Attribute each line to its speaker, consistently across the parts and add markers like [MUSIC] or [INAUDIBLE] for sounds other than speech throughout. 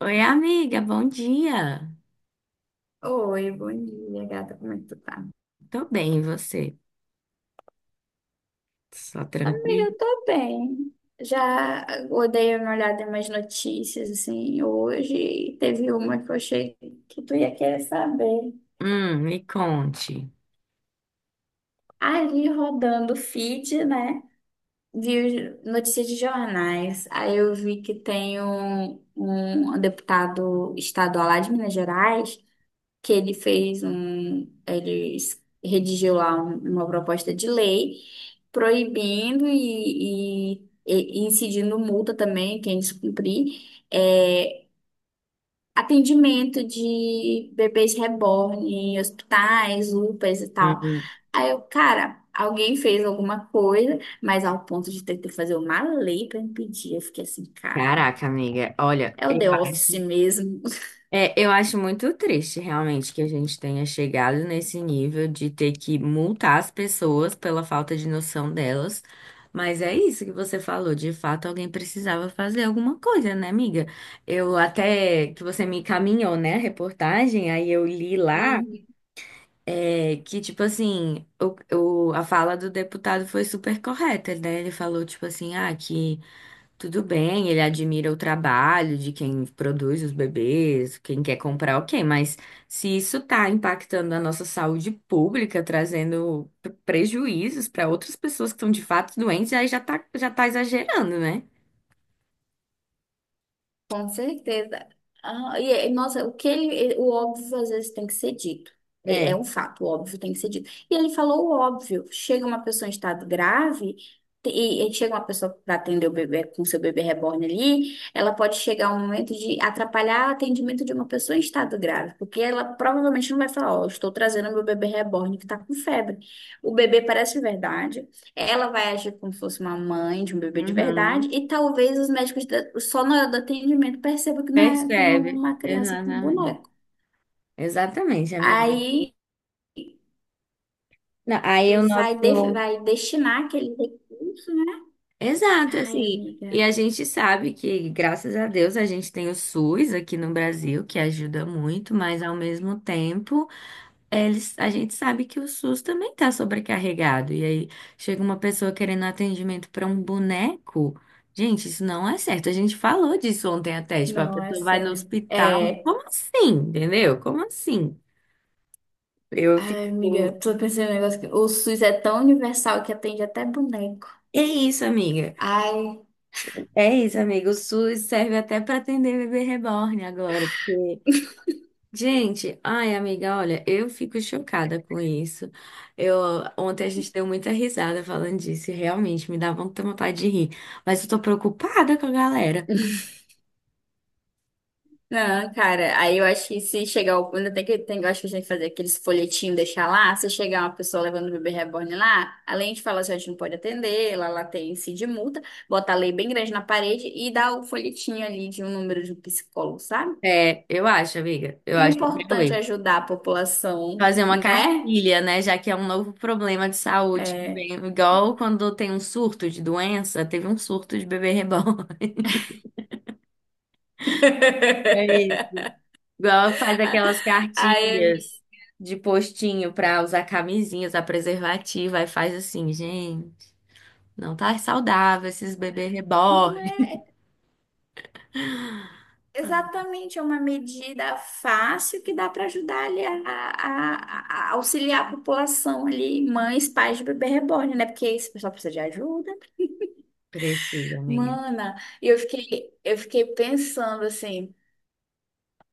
Speaker 1: Oi, amiga, bom dia.
Speaker 2: Oi, bom dia, gata. Como é que tu tá?
Speaker 1: Tô bem, e você? Só
Speaker 2: Amiga,
Speaker 1: tranquilo?
Speaker 2: eu tô bem. Já eu dei uma olhada em umas notícias assim hoje e teve uma que eu achei que tu ia querer saber.
Speaker 1: Me conte.
Speaker 2: Ali rodando o feed, né? Vi notícias de jornais. Aí eu vi que tem um deputado estadual lá de Minas Gerais que ele fez um, ele es- redigiu lá uma proposta de lei proibindo e incidindo multa também, quem descumprir, é, atendimento de bebês reborn em hospitais, UPAs e tal.
Speaker 1: Hum.
Speaker 2: Aí eu, cara, alguém fez alguma coisa, mas ao ponto de ter que fazer uma lei para impedir, eu fiquei assim, cara,
Speaker 1: Caraca, amiga, olha,
Speaker 2: é o
Speaker 1: eu
Speaker 2: The Office
Speaker 1: acho,
Speaker 2: mesmo.
Speaker 1: é, eu acho muito triste realmente que a gente tenha chegado nesse nível de ter que multar as pessoas pela falta de noção delas. Mas é isso que você falou, de fato alguém precisava fazer alguma coisa, né, amiga? Eu até que você me encaminhou, né, a reportagem, aí eu li lá.
Speaker 2: [LAUGHS]
Speaker 1: É que, tipo assim, a fala do deputado foi super correta, né? Ele falou, tipo assim, ah, que tudo bem, ele admira o trabalho de quem produz os bebês, quem quer comprar, ok, mas se isso tá impactando a nossa saúde pública, trazendo prejuízos para outras pessoas que estão de fato doentes, aí já tá exagerando, né?
Speaker 2: Com certeza. Ah, nossa, o óbvio às vezes tem que ser dito. É, é
Speaker 1: É.
Speaker 2: um fato, o óbvio tem que ser dito. E ele falou o óbvio. Chega uma pessoa em estado grave, e chega uma pessoa para atender o bebê com seu bebê reborn ali, ela pode chegar um momento de atrapalhar o atendimento de uma pessoa em estado grave, porque ela provavelmente não vai falar, ó, estou trazendo meu bebê reborn que está com febre. O bebê parece verdade. Ela vai agir como se fosse uma mãe de um bebê de
Speaker 1: Uhum.
Speaker 2: verdade, e talvez os médicos só na hora do atendimento percebam que não é
Speaker 1: Percebe.
Speaker 2: uma criança com
Speaker 1: Exatamente.
Speaker 2: boneco.
Speaker 1: Exatamente, amiga.
Speaker 2: Aí
Speaker 1: Não, aí eu
Speaker 2: vai, de-
Speaker 1: noto.
Speaker 2: vai destinar aquele recurso, né?
Speaker 1: Exato,
Speaker 2: Ai,
Speaker 1: assim. E
Speaker 2: amiga.
Speaker 1: a gente sabe que, graças a Deus, a gente tem o SUS aqui no Brasil, que ajuda muito, mas ao mesmo tempo, eles, a gente sabe que o SUS também está sobrecarregado. E aí chega uma pessoa querendo atendimento para um boneco. Gente, isso não é certo. A gente falou disso ontem até, tipo, a
Speaker 2: Não, é
Speaker 1: pessoa vai no
Speaker 2: sério.
Speaker 1: hospital.
Speaker 2: É.
Speaker 1: Como assim? Entendeu? Como assim? Eu fico.
Speaker 2: Ai, amiga, tô pensando em um negócio que o SUS é tão universal que atende até boneco.
Speaker 1: É isso, amiga.
Speaker 2: Ai.
Speaker 1: É isso, amigo. O SUS serve até para atender bebê reborn agora. Gente, ai, amiga, olha, eu fico chocada com isso. Eu, ontem a gente deu muita risada falando disso, e realmente me dá muita vontade de rir. Mas eu tô preocupada com a galera.
Speaker 2: Não, cara, aí eu acho que se chegar o. Ainda eu acho que a gente tem que fazer aqueles folhetinhos, deixar lá. Se chegar uma pessoa levando o bebê reborn lá, além de falar assim, a gente não pode atender, lá tem índice de multa, bota a lei bem grande na parede e dá o folhetinho ali de um número de um psicólogo, sabe?
Speaker 1: É, eu acho, amiga, eu
Speaker 2: Que é
Speaker 1: acho
Speaker 2: importante
Speaker 1: realmente.
Speaker 2: ajudar a população,
Speaker 1: Fazer uma
Speaker 2: né?
Speaker 1: cartilha, né? Já que é um novo problema de saúde que
Speaker 2: É.
Speaker 1: vem, igual quando tem um surto de doença, teve um surto de bebê reborn. [LAUGHS] É isso.
Speaker 2: [LAUGHS]
Speaker 1: Igual faz aquelas
Speaker 2: Aí,
Speaker 1: cartilhas de postinho pra usar camisinhas, a preservativa, e faz assim, gente. Não tá saudável esses bebês reborn.
Speaker 2: exatamente, é uma medida fácil que dá para ajudar ali a auxiliar a população ali, mães, pais de bebê reborn, né? Porque esse pessoal precisa de ajuda.
Speaker 1: Precisa, amiga.
Speaker 2: Mana, e eu fiquei pensando assim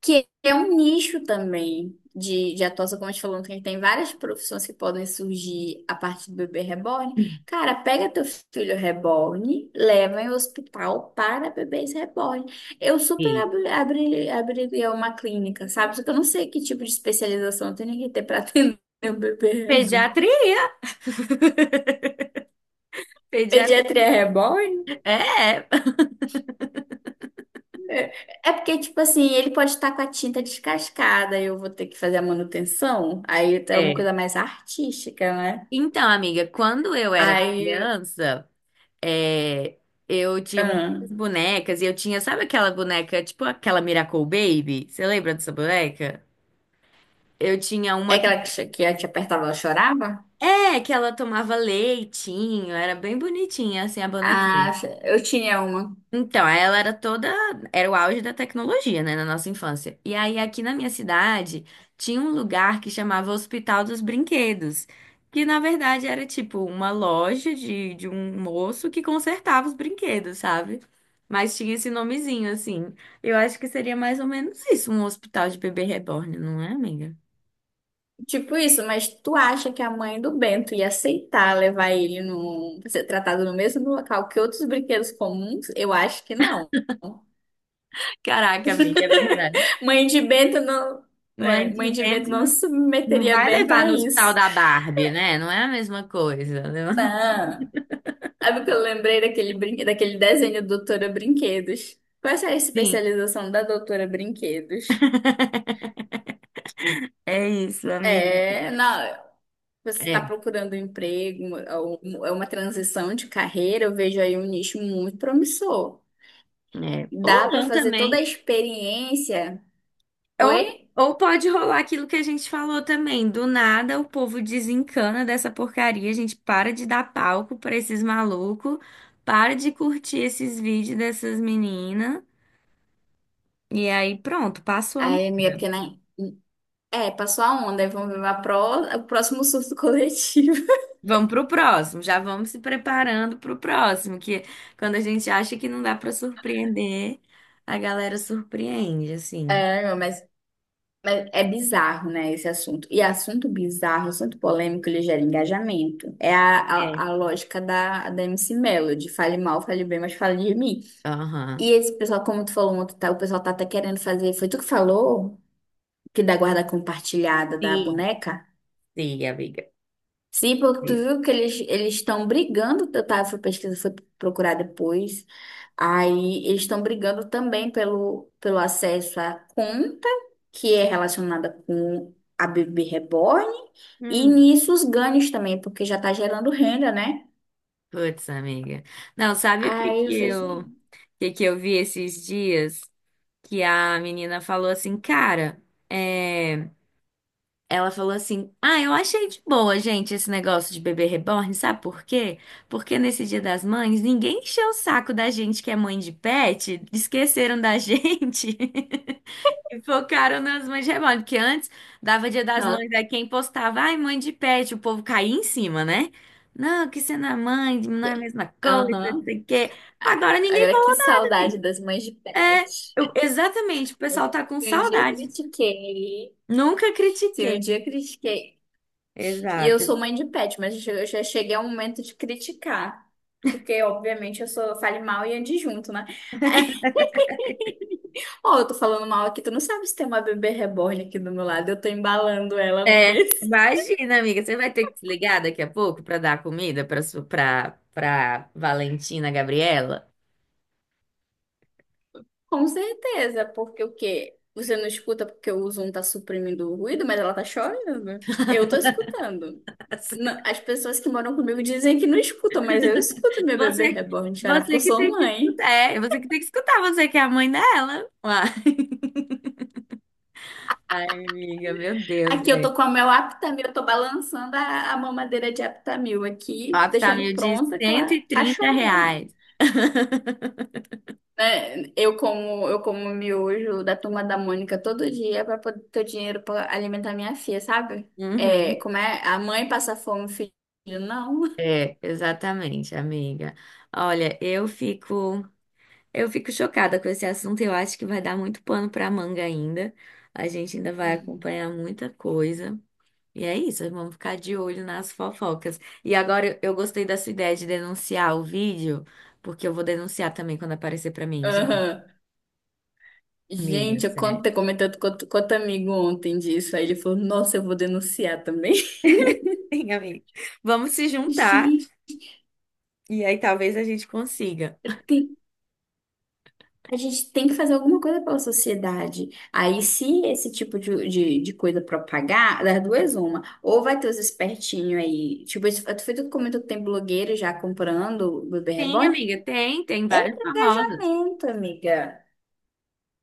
Speaker 2: que é um nicho também de atuação, como a gente falou, que tem várias profissões que podem surgir a partir do bebê reborn. Cara, pega teu filho reborn, leva em hospital para bebês reborn. Eu super
Speaker 1: E
Speaker 2: abriria uma clínica, sabe? Só que eu não sei que tipo de especialização eu tenho que ter para [LAUGHS] atender um bebê reborn.
Speaker 1: pediatria. [LAUGHS] Pediatria.
Speaker 2: Pediatria é reborn?
Speaker 1: É,
Speaker 2: É é porque, tipo assim, ele pode estar com a tinta descascada, eu vou ter que fazer a manutenção. Aí é uma
Speaker 1: é.
Speaker 2: coisa mais artística, né?
Speaker 1: Então, amiga, quando eu era
Speaker 2: Aí,
Speaker 1: criança, é, eu tinha
Speaker 2: ah,
Speaker 1: muitas bonecas e eu tinha, sabe aquela boneca, tipo aquela Miracle Baby? Você lembra dessa boneca? Eu tinha
Speaker 2: é
Speaker 1: uma que,
Speaker 2: aquela que a te apertava, ela chorava?
Speaker 1: que ela tomava leitinho, era bem bonitinha assim a
Speaker 2: Ah,
Speaker 1: bonequinha.
Speaker 2: eu tinha uma.
Speaker 1: Então, aí ela era toda, era o auge da tecnologia, né, na nossa infância. E aí aqui na minha cidade tinha um lugar que chamava Hospital dos Brinquedos, que na verdade era tipo uma loja de um moço que consertava os brinquedos, sabe? Mas tinha esse nomezinho assim. Eu acho que seria mais ou menos isso, um hospital de bebê reborn, não é, amiga?
Speaker 2: Tipo isso, mas tu acha que a mãe do Bento ia aceitar levar ele pra ser tratado no mesmo local que outros brinquedos comuns? Eu acho que não.
Speaker 1: Caraca, amiga, é verdade.
Speaker 2: [LAUGHS] Mãe de Bento não,
Speaker 1: Mãe de
Speaker 2: Mãe de Bento
Speaker 1: vento
Speaker 2: não
Speaker 1: não
Speaker 2: submeteria
Speaker 1: vai
Speaker 2: Bento
Speaker 1: levar
Speaker 2: a
Speaker 1: no hospital
Speaker 2: isso.
Speaker 1: da Barbie, né? Não é a mesma coisa, né?
Speaker 2: Não. Sabe o que eu lembrei daquele desenho Doutora Brinquedos? Qual é a
Speaker 1: [LAUGHS]
Speaker 2: especialização da Doutora Brinquedos?
Speaker 1: É isso, amigo.
Speaker 2: É, não. Você está
Speaker 1: É,
Speaker 2: procurando um emprego, é uma transição de carreira, eu vejo aí um nicho muito promissor.
Speaker 1: é. Ou
Speaker 2: Dá para
Speaker 1: não
Speaker 2: fazer toda
Speaker 1: também.
Speaker 2: a experiência.
Speaker 1: Ou,
Speaker 2: Oi?
Speaker 1: ou pode rolar aquilo que a gente falou também. Do nada o povo desencana dessa porcaria, a gente para de dar palco pra esses malucos, para de curtir esses vídeos dessas meninas. E aí pronto, passou a
Speaker 2: Aí, minha
Speaker 1: moda.
Speaker 2: pequena. É, passou a onda, aí vamos ver o próximo surto coletivo. [LAUGHS]
Speaker 1: Vamos pro próximo, já vamos se preparando pro próximo, que quando a gente acha que não dá pra surpreender, a galera surpreende, assim.
Speaker 2: É, não, mas é bizarro, né, esse assunto. E assunto bizarro, assunto polêmico, ele gera engajamento. É a,
Speaker 1: É.
Speaker 2: a, a lógica da MC Melody. Fale mal, fale bem, mas fale de mim.
Speaker 1: Aham.
Speaker 2: E esse pessoal, como tu falou ontem, tá, o pessoal tá até querendo fazer. Foi tu que falou? Que da guarda compartilhada da
Speaker 1: Sim,
Speaker 2: boneca.
Speaker 1: sim, amiga.
Speaker 2: Sim, porque tu viu que eles estão brigando, eu tava fui pesquisa fui procurar depois. Aí eles estão brigando também pelo acesso à conta, que é relacionada com a bebê reborn, e
Speaker 1: Hum,
Speaker 2: nisso os ganhos também, porque já tá gerando renda, né?
Speaker 1: putz, amiga. Não, sabe o que
Speaker 2: Aí eu
Speaker 1: que
Speaker 2: falei
Speaker 1: eu, o
Speaker 2: assim,
Speaker 1: que que eu vi esses dias? Que a menina falou assim, cara, é, Ela falou assim: Ah, eu achei de boa, gente, esse negócio de bebê reborn, sabe por quê? Porque nesse Dia das Mães, ninguém encheu o saco da gente que é mãe de pet, esqueceram da gente [LAUGHS] e focaram nas mães de reborn. Porque antes dava Dia das
Speaker 2: não,
Speaker 1: Mães, aí quem postava, ai, mãe de pet, o povo caía em cima, né? Não, que você não é mãe, não é a mesma coisa, não
Speaker 2: aham.
Speaker 1: sei o quê. Agora ninguém
Speaker 2: Agora que
Speaker 1: falou nada,
Speaker 2: saudade
Speaker 1: gente.
Speaker 2: das mães de
Speaker 1: É,
Speaker 2: pet.
Speaker 1: eu- exatamente, o pessoal tá com
Speaker 2: Se um dia eu
Speaker 1: saudade.
Speaker 2: critiquei,
Speaker 1: Nunca
Speaker 2: se
Speaker 1: critiquei.
Speaker 2: um dia eu critiquei e eu
Speaker 1: Exato.
Speaker 2: sou mãe de pet, mas eu já cheguei ao momento de criticar. Porque, obviamente, eu sou fale mal e adjunto, né? [LAUGHS] Ó, eu tô falando mal aqui, tu não sabe se tem uma bebê reborn aqui do meu lado, eu tô embalando ela no
Speaker 1: É,
Speaker 2: berço.
Speaker 1: imagina, amiga, você vai ter que se ligar daqui a pouco para dar comida para Valentina Gabriela.
Speaker 2: [LAUGHS] Com certeza, porque o quê? Você não escuta porque o Zoom tá suprimindo o ruído, mas ela tá chorando. Eu tô escutando. Não,
Speaker 1: [LAUGHS]
Speaker 2: as pessoas que moram comigo dizem que não escutam, mas eu escuto minha bebê
Speaker 1: Você
Speaker 2: reborn chorar porque
Speaker 1: você
Speaker 2: eu
Speaker 1: que
Speaker 2: sou
Speaker 1: tem que
Speaker 2: mãe.
Speaker 1: escutar, é, você que tem que escutar, você que é a mãe dela. Uai. [LAUGHS] Ai, amiga, meu Deus,
Speaker 2: Aqui eu
Speaker 1: velho.
Speaker 2: tô com o meu Aptamil, eu tô balançando a mamadeira de Aptamil
Speaker 1: O
Speaker 2: aqui, deixando
Speaker 1: Optamil de
Speaker 2: pronta que
Speaker 1: cento
Speaker 2: ela
Speaker 1: e
Speaker 2: tá
Speaker 1: trinta
Speaker 2: chorando.
Speaker 1: reais. [LAUGHS]
Speaker 2: Né? Eu como miojo da Turma da Mônica todo dia pra poder ter o dinheiro pra alimentar minha filha, sabe? É,
Speaker 1: Uhum.
Speaker 2: como é? A mãe passa fome, o filho não.
Speaker 1: É, exatamente, amiga. Olha, eu fico. Eu fico chocada com esse assunto. Eu acho que vai dar muito pano para manga ainda. A gente ainda vai
Speaker 2: Uhum.
Speaker 1: acompanhar muita coisa. E é isso, vamos ficar de olho nas fofocas. E agora eu gostei da sua ideia de denunciar o vídeo, porque eu vou denunciar também quando aparecer para mim, gente.
Speaker 2: Aham.
Speaker 1: Amiga,
Speaker 2: Gente, eu
Speaker 1: sério.
Speaker 2: comentei com outro amigo ontem disso, aí ele falou, nossa, eu vou denunciar também. [LAUGHS]
Speaker 1: Sim, amiga. Vamos se juntar
Speaker 2: Gente,
Speaker 1: e aí talvez a gente consiga.
Speaker 2: tem a gente tem que fazer alguma coisa pela sociedade. Aí, se esse tipo de coisa propagar, das duas, uma. Ou vai ter os espertinhos aí. Tipo, isso- tu foi tu que comentou que tem blogueiro já comprando o bebê
Speaker 1: Sim,
Speaker 2: reborn?
Speaker 1: amiga, tem, vários famosos.
Speaker 2: Lamento, amiga.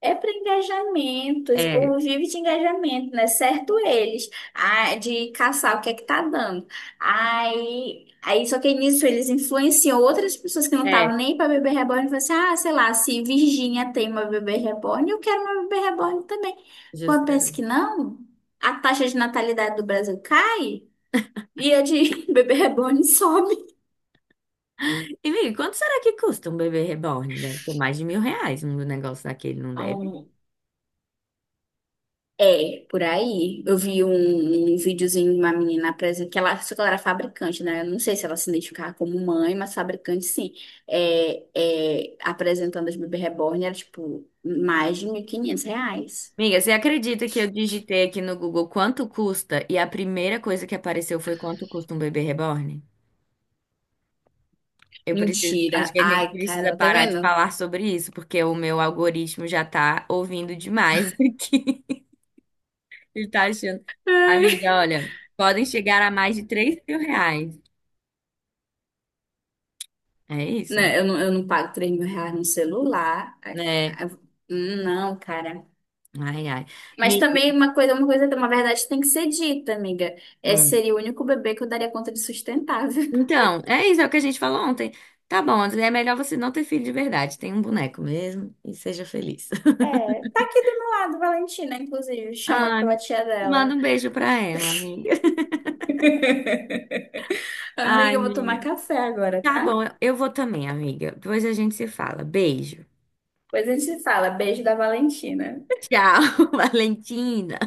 Speaker 2: É para engajamento, esse
Speaker 1: É,
Speaker 2: povo vive de engajamento, né? Certo eles, ah, de caçar o que é que tá dando. Aí, só que nisso eles influenciam outras pessoas que não
Speaker 1: é,
Speaker 2: estavam nem para bebê reborn e falam assim, ah, sei lá, se Virgínia tem uma bebê reborn, eu quero uma bebê reborn também. Quando pensa que
Speaker 1: justamente.
Speaker 2: não, a taxa de natalidade do Brasil cai e a de [LAUGHS] bebê reborn sobe.
Speaker 1: E, amiga, quanto será que custa um bebê reborn? Deve ser mais de R$ 1.000 um negócio daquele, não deve?
Speaker 2: É, por aí. Eu vi um videozinho de uma menina apresentando, só que ela era fabricante, né? Eu não sei se ela se identificava como mãe, mas fabricante sim. É, apresentando as bebê reborn, era tipo mais de 1.500 reais.
Speaker 1: Amiga, você acredita que eu digitei aqui no Google quanto custa e a primeira coisa que apareceu foi quanto custa um bebê reborn? Eu preciso, acho
Speaker 2: Mentira.
Speaker 1: que a gente
Speaker 2: Ai,
Speaker 1: precisa
Speaker 2: Carol, tá
Speaker 1: parar de
Speaker 2: vendo?
Speaker 1: falar sobre isso, porque o meu algoritmo já tá ouvindo demais [LAUGHS] aqui. Ele tá achando.
Speaker 2: [LAUGHS]
Speaker 1: Amiga,
Speaker 2: Ai.
Speaker 1: olha, podem chegar a mais de R$ 3.000. É isso,
Speaker 2: Né, eu não pago 3 mil reais no celular. Ai,
Speaker 1: né?
Speaker 2: ai, não, cara.
Speaker 1: Ai, ai.
Speaker 2: Mas
Speaker 1: Amiga,
Speaker 2: também uma verdade tem que ser dita, amiga. Esse
Speaker 1: hum.
Speaker 2: seria o único bebê que eu daria conta de sustentar.
Speaker 1: Então, é isso, é o que a gente falou ontem. Tá bom, André, é melhor você não ter filho de verdade. Tem um boneco mesmo e seja feliz. [LAUGHS]
Speaker 2: É, tá aqui do meu lado, Valentina, inclusive, chamando
Speaker 1: Ai,
Speaker 2: pela tia dela.
Speaker 1: manda um beijo pra ela, amiga. [LAUGHS] Ai,
Speaker 2: Amiga, eu vou tomar
Speaker 1: amiga.
Speaker 2: café agora,
Speaker 1: Tá
Speaker 2: tá?
Speaker 1: bom, eu vou também, amiga. Depois a gente se fala. Beijo.
Speaker 2: Depois a gente se fala. Beijo da Valentina.
Speaker 1: Tchau, [LAUGHS] Valentina.